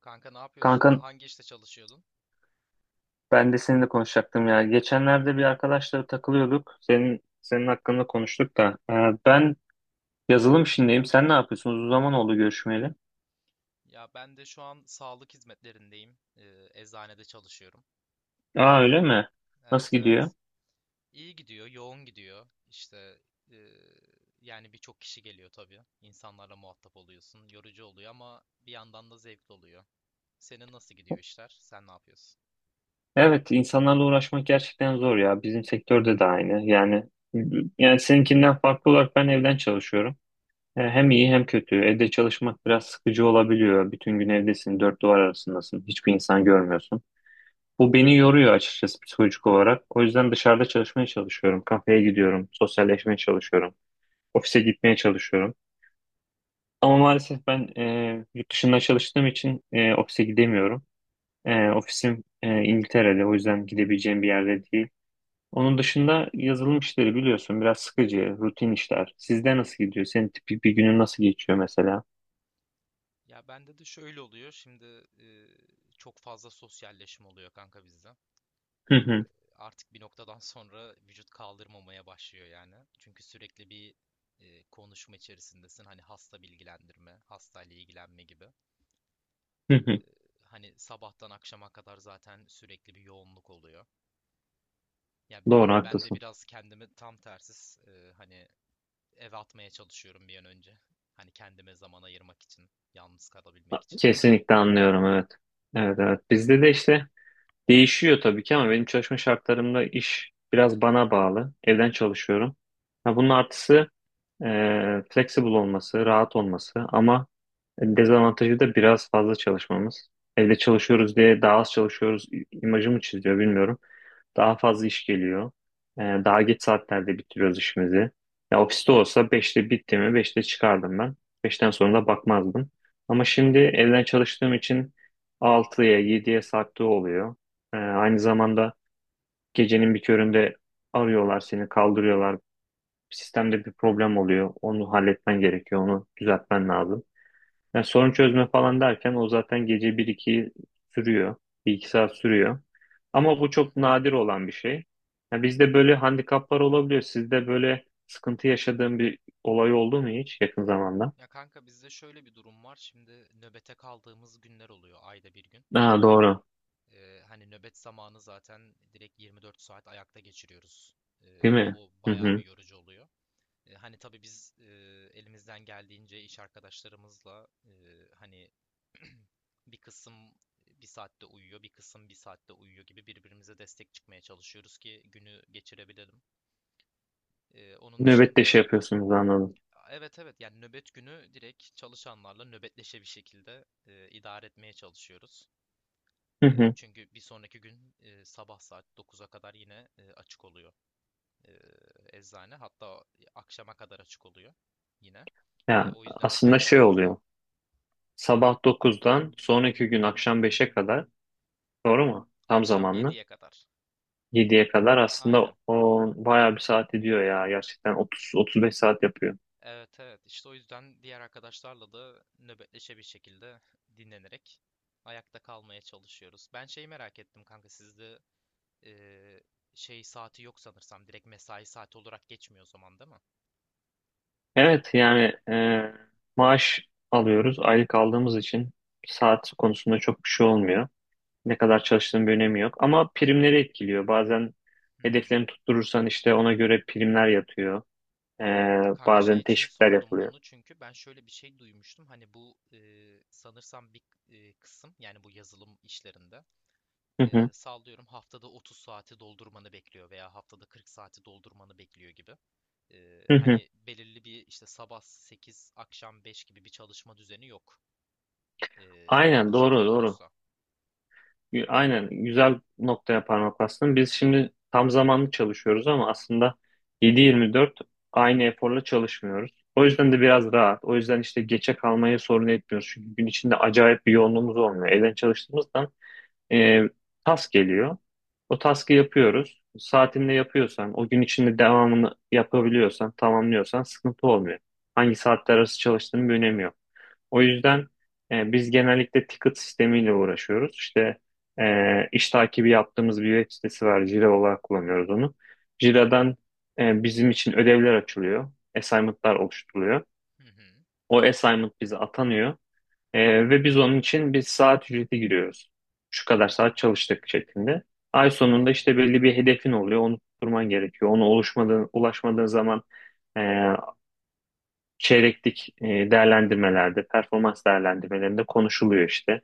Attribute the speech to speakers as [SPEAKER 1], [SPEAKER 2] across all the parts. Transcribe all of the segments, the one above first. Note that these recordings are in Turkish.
[SPEAKER 1] Kanka ne
[SPEAKER 2] Kanka
[SPEAKER 1] yapıyorsun? Hangi işte çalışıyordun?
[SPEAKER 2] ben de seninle konuşacaktım ya. Geçenlerde bir arkadaşla takılıyorduk. Senin hakkında konuştuk da. Ben yazılım işindeyim. Sen ne yapıyorsun? Uzun zaman oldu görüşmeyeli.
[SPEAKER 1] Ya ben de şu an sağlık hizmetlerindeyim. Eczanede çalışıyorum.
[SPEAKER 2] Aa öyle mi?
[SPEAKER 1] Evet,
[SPEAKER 2] Nasıl gidiyor?
[SPEAKER 1] evet. İyi gidiyor, yoğun gidiyor. İşte ee, yani birçok kişi geliyor tabii. İnsanlarla muhatap oluyorsun. Yorucu oluyor ama bir yandan da zevkli oluyor. Senin nasıl gidiyor işler? Sen ne yapıyorsun?
[SPEAKER 2] Evet, insanlarla uğraşmak gerçekten zor ya. Bizim sektörde de aynı. Yani seninkinden farklı olarak ben evden çalışıyorum. Hem iyi hem kötü. Evde çalışmak biraz sıkıcı olabiliyor. Bütün gün evdesin, dört duvar arasındasın. Hiçbir insan görmüyorsun. Bu beni yoruyor açıkçası psikolojik olarak. O yüzden dışarıda çalışmaya çalışıyorum. Kafeye gidiyorum, sosyalleşmeye çalışıyorum. Ofise gitmeye çalışıyorum. Ama maalesef ben yurt dışında çalıştığım için ofise gidemiyorum. Ofisim İngiltere'de, o yüzden gidebileceğim bir yerde değil. Onun dışında yazılım işleri biliyorsun biraz sıkıcı, rutin işler. Sizde nasıl gidiyor? Senin tipik bir günün nasıl geçiyor mesela?
[SPEAKER 1] Ya bende de şöyle oluyor. Şimdi ee, çok fazla sosyalleşim oluyor kanka bizde.
[SPEAKER 2] Hı hı,
[SPEAKER 1] Artık bir noktadan sonra vücut kaldırmamaya başlıyor yani. Çünkü sürekli bir konuşma içerisindesin. Hani hasta bilgilendirme, hastayla ilgilenme gibi.
[SPEAKER 2] hı
[SPEAKER 1] E,
[SPEAKER 2] hı.
[SPEAKER 1] hani sabahtan akşama kadar zaten sürekli bir yoğunluk oluyor. Ya
[SPEAKER 2] Doğru
[SPEAKER 1] ben de
[SPEAKER 2] haklısın.
[SPEAKER 1] biraz kendimi tam tersiz hani eve atmaya çalışıyorum bir an önce. Hani kendime zaman ayırmak için, yalnız kalabilmek için.
[SPEAKER 2] Kesinlikle anlıyorum evet. Evet evet. Bizde de işte değişiyor tabii ki ama benim çalışma şartlarımda iş biraz bana bağlı. Evden çalışıyorum. Ha, bunun artısı e, flexible olması, rahat olması ama dezavantajı da biraz fazla çalışmamız. Evde çalışıyoruz diye daha az çalışıyoruz imajı mı çiziyor bilmiyorum. Daha fazla iş geliyor. Daha geç saatlerde bitiriyoruz işimizi. Ya ofiste olsa beşte bitti mi beşte çıkardım ben. Beşten sonra da bakmazdım. Ama şimdi evden çalıştığım için altıya yediye sarktığı oluyor. Aynı zamanda gecenin bir köründe arıyorlar seni kaldırıyorlar. Sistemde bir problem oluyor. Onu halletmen gerekiyor. Onu düzeltmen lazım. Yani sorun çözme falan derken o zaten gece bir iki sürüyor. Bir iki saat sürüyor.
[SPEAKER 1] Hı
[SPEAKER 2] Ama bu
[SPEAKER 1] hı.
[SPEAKER 2] çok nadir olan bir şey. Yani bizde böyle handikaplar olabiliyor. Sizde böyle sıkıntı yaşadığın bir olay oldu mu hiç yakın zamanda?
[SPEAKER 1] Ya kanka bizde şöyle bir durum var. Şimdi nöbete kaldığımız günler oluyor ayda bir gün.
[SPEAKER 2] Aa, doğru.
[SPEAKER 1] Hani nöbet zamanı zaten direkt 24 saat ayakta geçiriyoruz.
[SPEAKER 2] Değil
[SPEAKER 1] Ee,
[SPEAKER 2] mi?
[SPEAKER 1] o
[SPEAKER 2] Hı
[SPEAKER 1] bayağı bir
[SPEAKER 2] hı.
[SPEAKER 1] yorucu oluyor. Hani tabii biz elimizden geldiğince iş arkadaşlarımızla hani bir kısım bir saatte uyuyor, bir kısım bir saatte uyuyor gibi birbirimize destek çıkmaya çalışıyoruz ki günü geçirebilelim. Onun
[SPEAKER 2] Nöbette şey
[SPEAKER 1] dışında,
[SPEAKER 2] yapıyorsunuz anladım.
[SPEAKER 1] evet, evet, yani nöbet günü direkt çalışanlarla nöbetleşe bir şekilde idare etmeye çalışıyoruz.
[SPEAKER 2] Hı
[SPEAKER 1] E,
[SPEAKER 2] hı.
[SPEAKER 1] çünkü bir sonraki gün sabah saat 9'a kadar yine açık oluyor e, eczane. Hatta akşama kadar açık oluyor yine. E,
[SPEAKER 2] Yani
[SPEAKER 1] o yüzden
[SPEAKER 2] aslında
[SPEAKER 1] kendi
[SPEAKER 2] şey oluyor.
[SPEAKER 1] aramızda
[SPEAKER 2] Sabah dokuzdan sonraki gün akşam beşe kadar, doğru mu? Tam
[SPEAKER 1] akşam
[SPEAKER 2] zamanlı.
[SPEAKER 1] 7'ye kadar.
[SPEAKER 2] Yediye kadar aslında
[SPEAKER 1] Aynen.
[SPEAKER 2] o bayağı bir saat ediyor ya. Gerçekten 30-35 saat yapıyor.
[SPEAKER 1] Evet, evet, işte o yüzden diğer arkadaşlarla da nöbetleşe bir şekilde dinlenerek ayakta kalmaya çalışıyoruz. Ben şeyi merak ettim kanka sizde e, şey saati yok sanırsam direkt mesai saati olarak geçmiyor o zaman değil mi?
[SPEAKER 2] Evet yani maaş alıyoruz. Aylık aldığımız için saat konusunda çok bir şey olmuyor. Ne kadar çalıştığın bir önemi yok. Ama primleri etkiliyor. Bazen
[SPEAKER 1] Hı hı.
[SPEAKER 2] hedeflerini tutturursan işte ona göre primler yatıyor. E,
[SPEAKER 1] Hı, Kanka şey
[SPEAKER 2] Bazen
[SPEAKER 1] için
[SPEAKER 2] teşvikler
[SPEAKER 1] sordum
[SPEAKER 2] yapılıyor.
[SPEAKER 1] bunu çünkü ben şöyle bir şey duymuştum. Hani bu sanırsam bir kısım yani bu yazılım işlerinde
[SPEAKER 2] Hı hı,
[SPEAKER 1] sallıyorum haftada 30 saati doldurmanı bekliyor veya haftada 40 saati doldurmanı bekliyor gibi. E,
[SPEAKER 2] hı hı.
[SPEAKER 1] hani belirli bir işte sabah 8 akşam 5 gibi bir çalışma düzeni yok. Hani
[SPEAKER 2] Aynen
[SPEAKER 1] bu
[SPEAKER 2] doğru
[SPEAKER 1] şekilde
[SPEAKER 2] doğru.
[SPEAKER 1] olursa.
[SPEAKER 2] Aynen güzel noktaya parmak bastın. Biz şimdi tam zamanlı çalışıyoruz ama aslında 7-24 aynı eforla çalışmıyoruz. O yüzden de biraz rahat. O yüzden işte geçe kalmayı sorun etmiyoruz. Çünkü gün içinde acayip bir yoğunluğumuz olmuyor. Evden çalıştığımızdan e, task geliyor. O task'ı yapıyoruz. Saatinde yapıyorsan, o gün içinde devamını yapabiliyorsan, tamamlıyorsan sıkıntı olmuyor. Hangi saatler arası çalıştığının bir önemi yok. O yüzden biz genellikle ticket sistemiyle uğraşıyoruz. İşte iş takibi yaptığımız bir web sitesi var. Jira olarak kullanıyoruz onu. Jira'dan bizim için ödevler açılıyor. Assignment'lar oluşturuluyor.
[SPEAKER 1] Hı hı,
[SPEAKER 2] O assignment bize atanıyor. Ve biz onun için bir saat ücreti giriyoruz. Şu kadar saat çalıştık şeklinde. Ay
[SPEAKER 1] hı
[SPEAKER 2] sonunda
[SPEAKER 1] hı.
[SPEAKER 2] işte belli bir hedefin oluyor. Onu tutturman gerekiyor. Onu oluşmadığın, ulaşmadığın zaman e, çeyreklik değerlendirmelerde, performans değerlendirmelerinde konuşuluyor işte.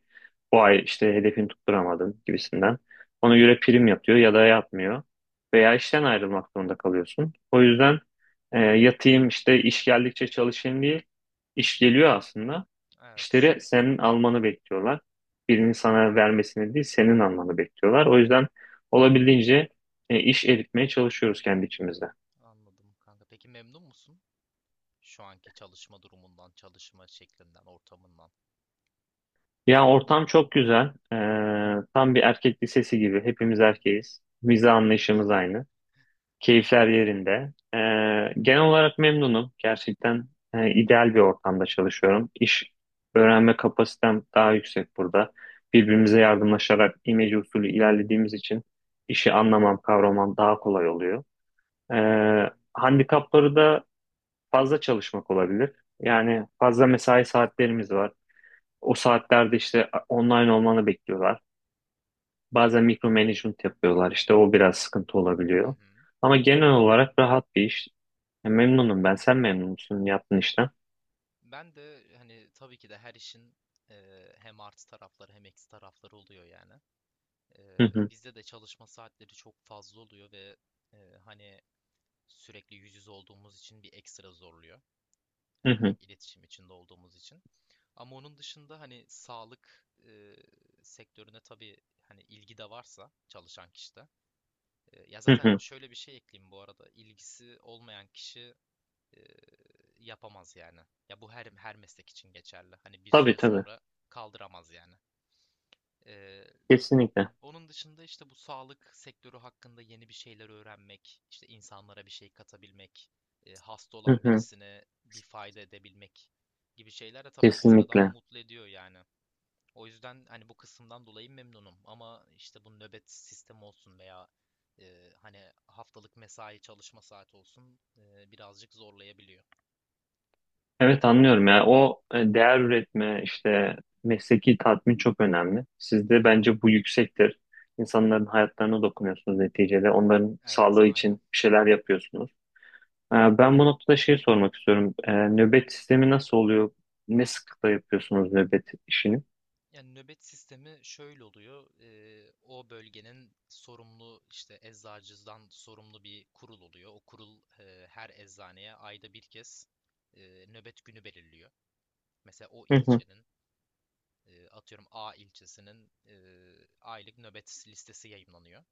[SPEAKER 2] Bu ay işte hedefini tutturamadın gibisinden. Ona göre prim yapıyor ya da yapmıyor. Veya işten ayrılmak zorunda kalıyorsun. O yüzden yatayım işte iş geldikçe çalışayım diye iş geliyor aslında.
[SPEAKER 1] Evet,
[SPEAKER 2] İşleri senin almanı bekliyorlar. Birinin sana vermesini değil, senin almanı bekliyorlar. O yüzden olabildiğince iş eritmeye çalışıyoruz kendi içimizde.
[SPEAKER 1] anladım kanka. Peki memnun musun şu anki çalışma durumundan, çalışma şeklinden, ortamından?
[SPEAKER 2] Ya ortam çok güzel. Tam bir erkek lisesi gibi. Hepimiz erkeğiz. Vize anlayışımız aynı. Keyifler yerinde. Genel olarak memnunum. Gerçekten ideal bir ortamda çalışıyorum. İş öğrenme kapasitem daha yüksek burada. Birbirimize yardımlaşarak imece usulü ilerlediğimiz için işi anlamam, kavramam daha kolay oluyor. Handikapları da fazla çalışmak olabilir. Yani fazla mesai saatlerimiz var. O saatlerde işte online olmanı bekliyorlar. Bazen mikro management yapıyorlar. İşte o biraz sıkıntı
[SPEAKER 1] Hı
[SPEAKER 2] olabiliyor.
[SPEAKER 1] hı.
[SPEAKER 2] Ama genel olarak rahat bir iş. Ya memnunum ben. Sen memnun musun yaptığın işten?
[SPEAKER 1] Ben de hani tabii ki de her işin hem artı tarafları hem eksi tarafları oluyor yani.
[SPEAKER 2] Hı
[SPEAKER 1] Eee,
[SPEAKER 2] hı,
[SPEAKER 1] bizde de çalışma saatleri çok fazla oluyor ve hani sürekli yüz yüze olduğumuz için bir ekstra zorluyor.
[SPEAKER 2] hı
[SPEAKER 1] Hani
[SPEAKER 2] hı,
[SPEAKER 1] direkt iletişim içinde olduğumuz için. Ama onun dışında hani sağlık sektörüne tabii hani ilgi de varsa çalışan kişide. Ya
[SPEAKER 2] hı
[SPEAKER 1] zaten
[SPEAKER 2] hı.
[SPEAKER 1] şöyle bir şey ekleyeyim bu arada. İlgisi olmayan kişi e, yapamaz yani. Ya bu her meslek için geçerli. Hani bir
[SPEAKER 2] Tabii
[SPEAKER 1] süre
[SPEAKER 2] tabii.
[SPEAKER 1] sonra kaldıramaz yani. Ee,
[SPEAKER 2] Kesinlikle.
[SPEAKER 1] onun dışında işte bu sağlık sektörü hakkında yeni bir şeyler öğrenmek, işte insanlara bir şey katabilmek, hasta
[SPEAKER 2] Hı
[SPEAKER 1] olan
[SPEAKER 2] hı,
[SPEAKER 1] birisine bir fayda edebilmek gibi şeyler de tabii ekstradan
[SPEAKER 2] kesinlikle.
[SPEAKER 1] mutlu ediyor yani. O yüzden hani bu kısımdan dolayı memnunum ama işte bu nöbet sistemi olsun veya hani haftalık mesai çalışma saati olsun birazcık zorlayabiliyor.
[SPEAKER 2] Evet anlıyorum ya. O değer üretme işte mesleki tatmin çok önemli. Sizde bence bu yüksektir. İnsanların hayatlarına dokunuyorsunuz neticede. Onların
[SPEAKER 1] Evet,
[SPEAKER 2] sağlığı için
[SPEAKER 1] aynen.
[SPEAKER 2] bir şeyler yapıyorsunuz. Ben bu noktada şey sormak istiyorum. Nöbet sistemi nasıl oluyor? Ne sıklıkla yapıyorsunuz nöbet işini?
[SPEAKER 1] Yani nöbet sistemi şöyle oluyor. O bölgenin sorumlu işte eczacıdan sorumlu bir kurul oluyor. O kurul her eczaneye ayda bir kez nöbet günü belirliyor. Mesela o
[SPEAKER 2] Hı hı,
[SPEAKER 1] ilçenin atıyorum A ilçesinin aylık nöbet listesi yayımlanıyor.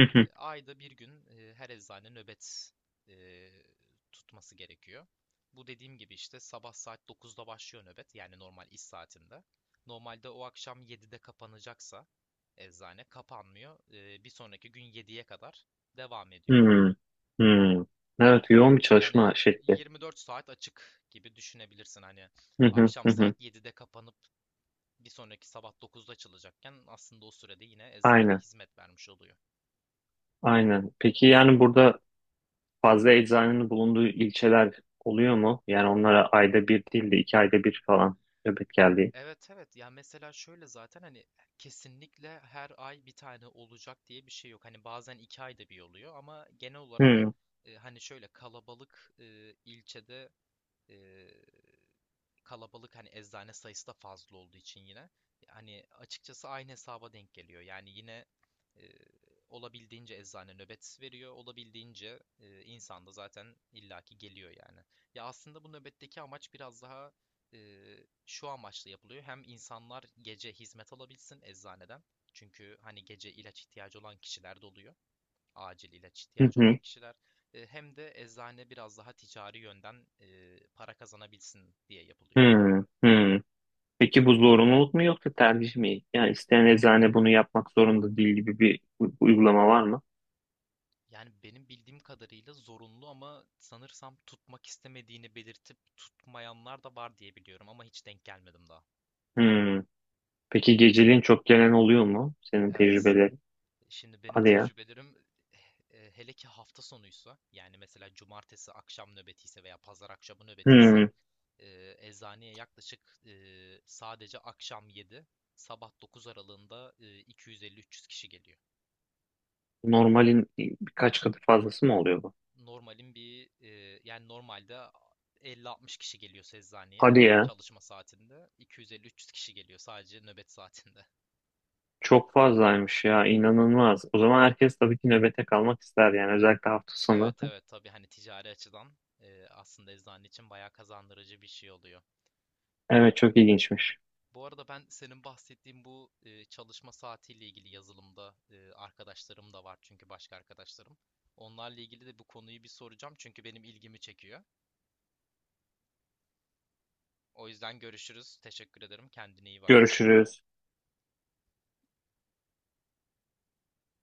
[SPEAKER 2] hı hı,
[SPEAKER 1] Ayda bir gün her eczane nöbet e, tutması gerekiyor. Bu dediğim gibi işte sabah saat 9'da başlıyor nöbet yani normal iş saatinde. Normalde o akşam 7'de kapanacaksa eczane kapanmıyor. Bir sonraki gün 7'ye kadar devam ediyor.
[SPEAKER 2] hı, hı. Evet, yoğun bir
[SPEAKER 1] Yani
[SPEAKER 2] çalışma şekli.
[SPEAKER 1] 24 saat açık gibi düşünebilirsin. Hani
[SPEAKER 2] Hı hı,
[SPEAKER 1] akşam
[SPEAKER 2] hı hı.
[SPEAKER 1] saat 7'de kapanıp bir sonraki sabah 9'da açılacakken aslında o sürede yine eczane
[SPEAKER 2] Aynen,
[SPEAKER 1] hizmet vermiş oluyor.
[SPEAKER 2] aynen. Peki yani burada fazla eczanenin bulunduğu ilçeler oluyor mu? Yani onlara ayda bir değil de iki ayda bir falan nöbet geldiği.
[SPEAKER 1] Evet, evet, ya mesela şöyle zaten hani kesinlikle her ay bir tane olacak diye bir şey yok. Hani bazen iki ayda bir oluyor ama genel olarak
[SPEAKER 2] Hı
[SPEAKER 1] hani şöyle kalabalık ilçede ee, kalabalık hani eczane sayısı da fazla olduğu için yine hani açıkçası aynı hesaba denk geliyor. Yani yine e, olabildiğince eczane nöbet veriyor, olabildiğince insan da zaten illaki geliyor yani. Ya aslında bu nöbetteki amaç biraz daha e, şu amaçla yapılıyor. Hem insanlar gece hizmet alabilsin eczaneden. Çünkü hani gece ilaç ihtiyacı olan kişiler de oluyor acil ilaç ihtiyacı olan
[SPEAKER 2] hı,
[SPEAKER 1] kişiler hem de eczane biraz daha ticari yönden para kazanabilsin diye
[SPEAKER 2] hı
[SPEAKER 1] yapılıyor.
[SPEAKER 2] hı, hı. Peki bu zorunluluk mu yoksa tercih mi? Yani isteyen eczane bunu yapmak zorunda değil gibi bir uygulama var mı?
[SPEAKER 1] Yani benim bildiğim kadarıyla zorunlu ama sanırsam tutmak istemediğini belirtip tutmayanlar da var diye biliyorum ama hiç denk gelmedim daha.
[SPEAKER 2] Hmm. Peki geceliğin çok gelen oluyor mu? Senin
[SPEAKER 1] Evet.
[SPEAKER 2] tecrübelerin.
[SPEAKER 1] Şimdi benim
[SPEAKER 2] Hadi ya.
[SPEAKER 1] tecrübelerim hele ki hafta sonuysa yani mesela cumartesi akşam nöbetiyse veya pazar akşamı nöbetiyse
[SPEAKER 2] Hmm.
[SPEAKER 1] eczaneye yaklaşık sadece akşam 7, sabah 9 aralığında 250-300 kişi geliyor.
[SPEAKER 2] Normalin birkaç katı fazlası mı oluyor bu?
[SPEAKER 1] Yani normalde 50-60 kişi geliyor eczaneye
[SPEAKER 2] Hadi ya.
[SPEAKER 1] çalışma saatinde. 250-300 kişi geliyor sadece nöbet saatinde.
[SPEAKER 2] Çok fazlaymış ya. İnanılmaz. O zaman herkes tabii ki nöbete kalmak ister yani. Özellikle hafta sonu.
[SPEAKER 1] Evet, evet, tabii hani ticari açıdan aslında eczane için bayağı kazandırıcı bir şey oluyor.
[SPEAKER 2] Evet çok ilginçmiş.
[SPEAKER 1] Bu arada ben senin bahsettiğin bu çalışma saatiyle ilgili yazılımda arkadaşlarım da var çünkü başka arkadaşlarım. Onlarla ilgili de bu konuyu bir soracağım çünkü benim ilgimi çekiyor. O yüzden görüşürüz. Teşekkür ederim. Kendine iyi bak.
[SPEAKER 2] Görüşürüz.